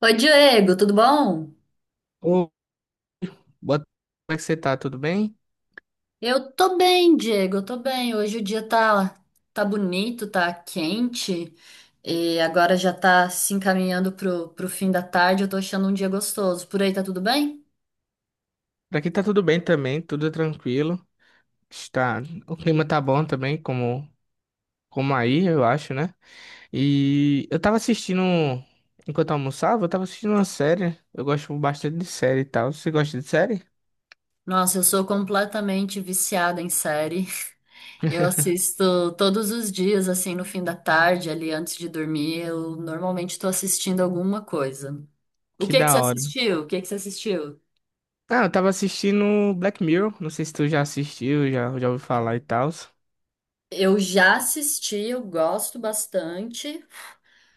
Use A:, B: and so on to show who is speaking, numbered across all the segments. A: Oi, Diego, tudo bom?
B: Ô, boa tarde, como é que você tá? Tudo bem?
A: Eu tô bem, Diego, eu tô bem. Hoje o dia tá bonito, tá quente, e agora já tá se encaminhando pro fim da tarde. Eu tô achando um dia gostoso. Por aí tá tudo bem?
B: Por aqui tá tudo bem também, tudo tranquilo. Está, o clima tá bom também, como aí, eu acho, né? E eu tava assistindo, enquanto eu almoçava, eu tava assistindo uma série. Eu gosto bastante de série e tal. Você gosta de série?
A: Nossa, eu sou completamente viciada em série. Eu assisto todos os dias, assim, no fim da tarde, ali antes de dormir. Eu normalmente tô assistindo alguma coisa. O
B: Que
A: que que você
B: da hora.
A: assistiu? O que que você assistiu?
B: Ah, eu tava assistindo Black Mirror, não sei se tu já assistiu, já ouviu falar e tal.
A: Eu já assisti, eu gosto bastante.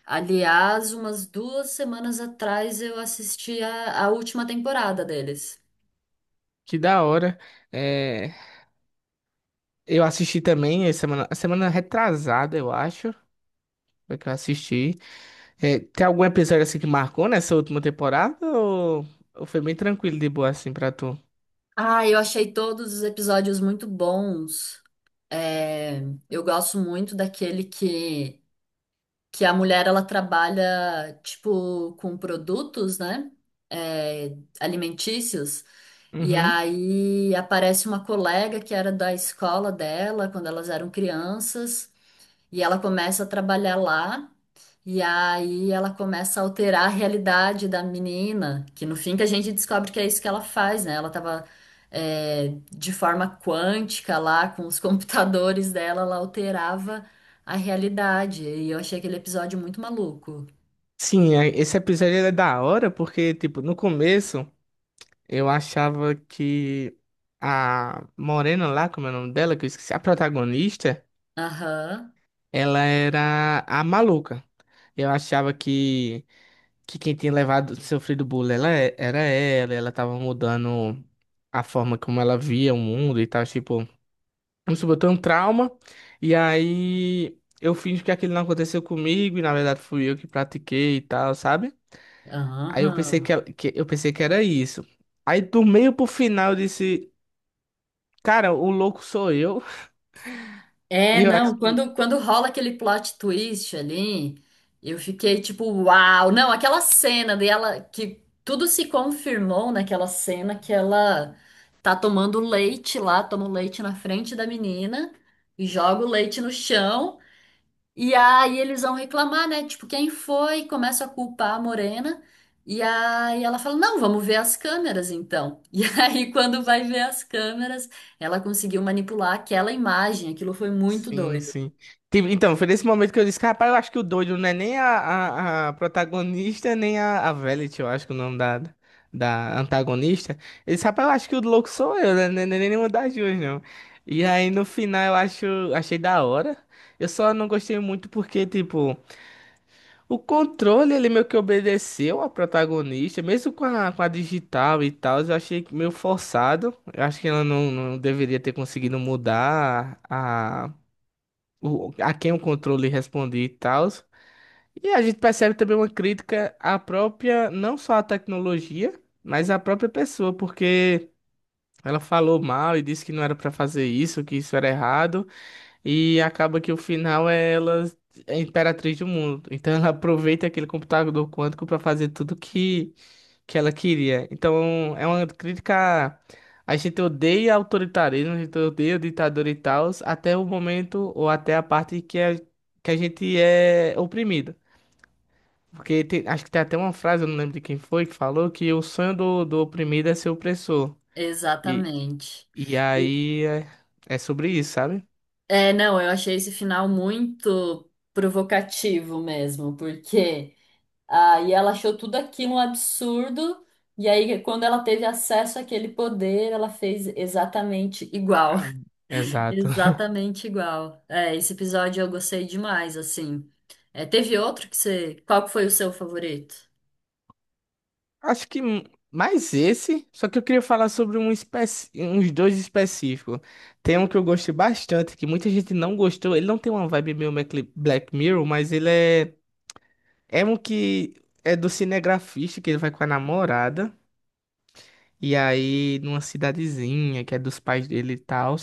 A: Aliás, umas duas semanas atrás eu assisti a última temporada deles.
B: Que da hora. É, eu assisti também, a semana retrasada, eu acho, foi que eu assisti. É, tem algum episódio assim que marcou nessa última temporada ou foi bem tranquilo de boa assim pra tu?
A: Ah, eu achei todos os episódios muito bons. É, eu gosto muito daquele que a mulher ela trabalha tipo com produtos, né? É, alimentícios. E
B: Uhum.
A: aí aparece uma colega que era da escola dela quando elas eram crianças e ela começa a trabalhar lá. E aí ela começa a alterar a realidade da menina, que no fim que a gente descobre que é isso que ela faz, né? Ela tava de forma quântica lá, com os computadores dela, ela alterava a realidade. E eu achei aquele episódio muito maluco.
B: Sim, esse episódio ele é da hora porque, tipo, no começo eu achava que a Morena lá, como é o nome dela, que eu esqueci, a protagonista,
A: Aham,
B: ela era a maluca. Eu achava que, que quem tinha levado, sofrido bullying ela, era ela, ela tava mudando a forma como ela via o mundo e tal, tipo. Vamos supor, eu tenho um trauma, e aí eu finjo que aquilo não aconteceu comigo, e na verdade fui eu que pratiquei e tal, sabe? Aí eu pensei
A: aham.
B: que, ela- que- Eu pensei que era isso. Aí do meio pro final eu disse, cara, o louco sou eu.
A: É,
B: Eu acho
A: não,
B: que
A: quando rola aquele plot twist ali, eu fiquei tipo, uau! Não, aquela cena dela, que tudo se confirmou naquela cena que ela tá tomando leite lá, toma o leite na frente da menina e joga o leite no chão. E aí eles vão reclamar, né? Tipo, quem foi? Começa a culpar a Morena. E aí ela fala: Não, vamos ver as câmeras então. E aí, quando vai ver as câmeras, ela conseguiu manipular aquela imagem. Aquilo foi muito
B: sim,
A: doido.
B: sim. Tipo, então, foi nesse momento que eu disse, rapaz, eu acho que o doido não é nem a protagonista, nem a Velvet, eu acho que é o nome da antagonista. Ele disse, rapaz, eu acho que o louco sou eu, né? Nem nenhuma das duas, não. E aí, no final, eu acho, achei da hora. Eu só não gostei muito porque, tipo, o controle, ele meio que obedeceu a protagonista, mesmo com a digital e tal, eu achei meio forçado. Eu acho que ela não deveria ter conseguido mudar a quem o controle respondia e tal. E a gente percebe também uma crítica à própria, não só à tecnologia, mas à própria pessoa, porque ela falou mal e disse que não era pra fazer isso, que isso era errado, e acaba que o final é ela é a imperatriz do mundo. Então ela aproveita aquele computador quântico pra fazer tudo que ela queria. Então, é uma crítica. A gente odeia autoritarismo, a gente odeia ditador e tal, até o momento ou até a parte que, é, que a gente é oprimido. Porque acho que tem até uma frase, eu não lembro de quem foi, que falou que o sonho do oprimido é ser opressor. E,
A: Exatamente.
B: e
A: E,
B: aí é, é sobre isso, sabe?
A: é, não, eu achei esse final muito provocativo mesmo, porque aí ela achou tudo aquilo um absurdo. E aí, quando ela teve acesso àquele poder, ela fez exatamente igual.
B: Ah, exato.
A: Exatamente igual. É, esse episódio eu gostei demais, assim. É, teve outro que você. Qual que foi o seu favorito?
B: Acho que m- Mais esse, só que eu queria falar sobre uns dois específicos. Tem um que eu gostei bastante, que muita gente não gostou. Ele não tem uma vibe meio Black Mirror, mas ele é. É um que é do cinegrafista, que ele vai com a namorada. E aí, numa cidadezinha que é dos pais dele e tal,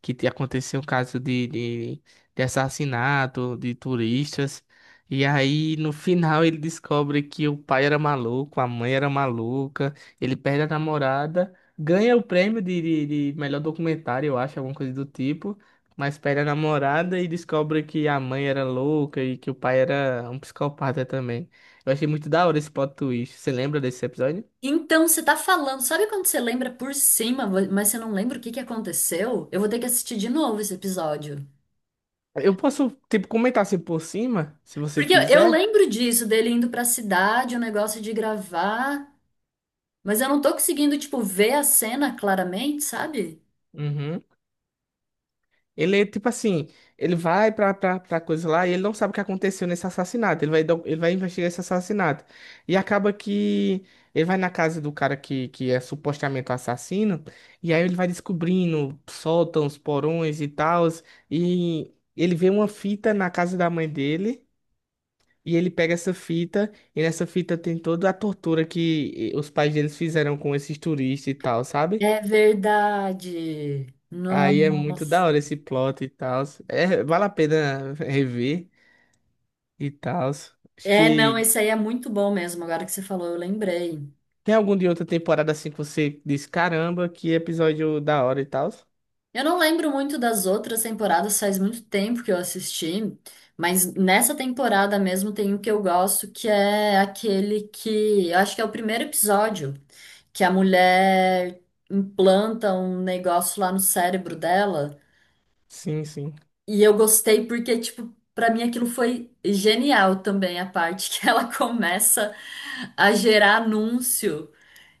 B: aconteceu um caso de assassinato de turistas. E aí, no final, ele descobre que o pai era maluco, a mãe era maluca, ele perde a namorada, ganha o prêmio de melhor documentário, eu acho, alguma coisa do tipo, mas perde a namorada e descobre que a mãe era louca e que o pai era um psicopata também. Eu achei muito da hora esse plot twist. Você lembra desse episódio?
A: Então, você tá falando, sabe quando você lembra por cima, mas você não lembra o que que aconteceu? Eu vou ter que assistir de novo esse episódio.
B: Eu posso, tipo, comentar assim por cima, se você
A: Porque eu
B: quiser.
A: lembro disso, dele indo pra cidade, o negócio de gravar, mas eu não tô conseguindo, tipo, ver a cena claramente, sabe?
B: Uhum. Ele, é, tipo assim, ele vai pra coisa lá e ele não sabe o que aconteceu nesse assassinato. Ele vai investigar esse assassinato. E acaba que ele vai na casa do cara que é supostamente o assassino. E aí ele vai descobrindo sótãos, porões e tal. E ele vê uma fita na casa da mãe dele. E ele pega essa fita, e nessa fita tem toda a tortura que os pais deles fizeram com esses turistas e tal, sabe?
A: É verdade.
B: Aí é muito da
A: Nossa.
B: hora esse plot e tal. É, vale a pena rever e tal. Acho
A: É, não,
B: que
A: esse aí é muito bom mesmo, agora que você falou, eu lembrei.
B: tem algum de outra temporada assim que você diz, caramba, que episódio da hora e tal.
A: Eu não lembro muito das outras temporadas, faz muito tempo que eu assisti, mas nessa temporada mesmo tem um que eu gosto, que é aquele que, eu acho que é o primeiro episódio, que a mulher implanta um negócio lá no cérebro dela,
B: Sim, sim.
A: e eu gostei porque, tipo, pra mim aquilo foi genial também, a parte que ela começa a gerar anúncio.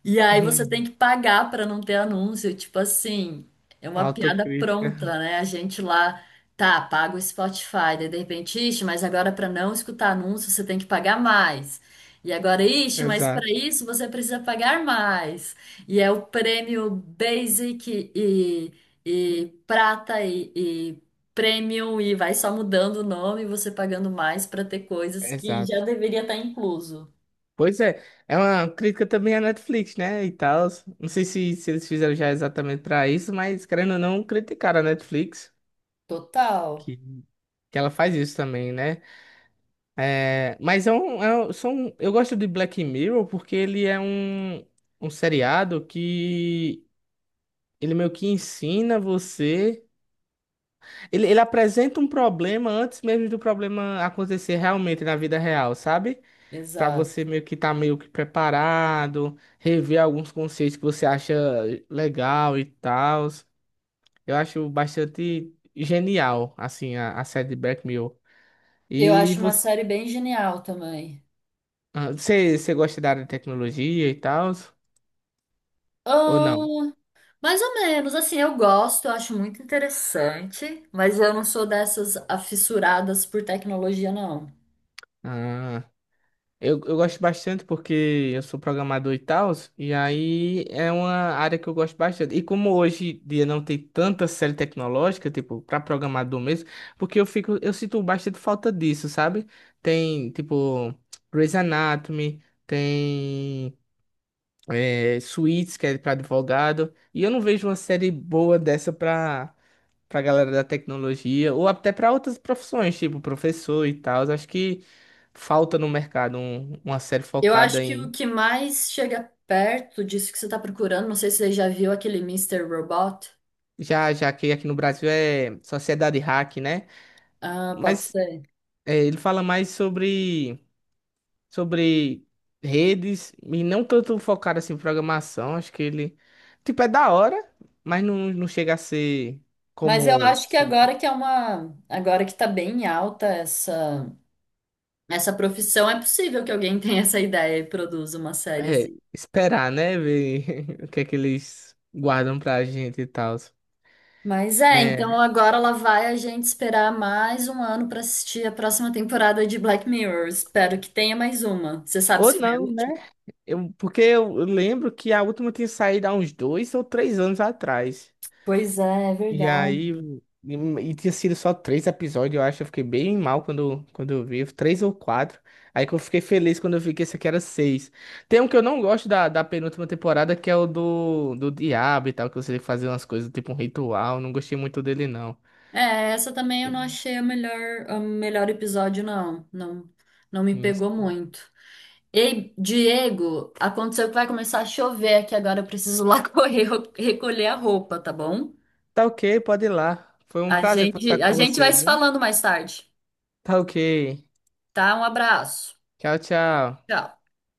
A: E aí você tem
B: Uhum.
A: que pagar para não ter anúncio, tipo assim, é uma piada
B: Autocrítica.
A: pronta, né? A gente lá, tá, paga o Spotify, daí de repente, ixi, mas agora para não escutar anúncio você tem que pagar mais. E agora, ixi, mas para
B: Exato,
A: isso você precisa pagar mais. E é o prêmio e e Premium e vai só mudando o nome, e você pagando mais para ter coisas que já
B: exato.
A: deveria estar incluso.
B: Pois é, é uma crítica também à Netflix, né? E tal. Não sei se eles fizeram já exatamente pra isso, mas querendo ou não, criticaram a Netflix,
A: Total,
B: que, que ela faz isso também, né? É, mas é um, são, eu gosto de Black Mirror porque ele é um, um seriado que ele meio que ensina você. Ele apresenta um problema antes mesmo do problema acontecer realmente na vida real, sabe? Pra
A: exato.
B: você meio que estar meio que preparado, rever alguns conceitos que você acha legal e tal. Eu acho bastante genial, assim, a série de Black Mirror.
A: Eu
B: E
A: acho uma
B: você,
A: série bem genial também.
B: ah, você gosta da área de tecnologia e tal? Ou não?
A: Oh, mais ou menos, assim, eu gosto, eu acho muito interessante, mas eu não sou dessas afissuradas por tecnologia, não.
B: Ah, eu gosto bastante porque eu sou programador e tal, e aí é uma área que eu gosto bastante. E como hoje em dia não tem tanta série tecnológica, tipo, para programador mesmo, porque eu fico, eu sinto bastante falta disso, sabe? Tem, tipo, Grey's Anatomy, tem é, Suits, que é para advogado, e eu não vejo uma série boa dessa pra pra galera da tecnologia, ou até pra outras profissões, tipo professor e tal. Acho que falta no mercado uma série
A: Eu acho
B: focada
A: que o
B: em.
A: que mais chega perto disso que você está procurando, não sei se você já viu aquele Mister Robot.
B: Já que aqui no Brasil é Sociedade Hack, né?
A: Ah, pode
B: Mas
A: ser.
B: é, ele fala mais sobre redes e não tanto focado assim em programação. Acho que ele. Tipo, é da hora, mas não chega a ser
A: Mas eu
B: como.
A: acho que agora que é agora que tá bem alta essa profissão, é possível que alguém tenha essa ideia e produza uma série assim.
B: É, esperar, né? Ver o que é que eles guardam pra gente e tal.
A: Mas é,
B: É,
A: então agora lá vai a gente esperar mais 1 ano pra assistir a próxima temporada de Black Mirror. Espero que tenha mais uma. Você sabe
B: ou
A: se foi a
B: não, né?
A: última?
B: Eu, porque eu lembro que a última tinha saído há uns 2 ou 3 anos atrás.
A: Pois é, é
B: E aí.
A: verdade.
B: E tinha sido só três episódios, eu acho. Eu fiquei bem mal quando eu vi. Três ou quatro. Aí que eu fiquei feliz quando eu vi que esse aqui era seis. Tem um que eu não gosto da penúltima temporada, que é o do diabo e tal, que você tem que fazer umas coisas, tipo um ritual. Não gostei muito dele, não.
A: É, essa também eu não achei o melhor episódio, não. Não, não me
B: Isso.
A: pegou muito. Ei, Diego, aconteceu que vai começar a chover aqui agora. Eu preciso lá correr recolher a roupa, tá bom?
B: Tá ok, pode ir lá. Foi um prazer conversar
A: A
B: com
A: gente
B: você,
A: vai se
B: viu?
A: falando mais tarde,
B: Tá ok.
A: tá? Um abraço.
B: Tchau, tchau.
A: Tchau.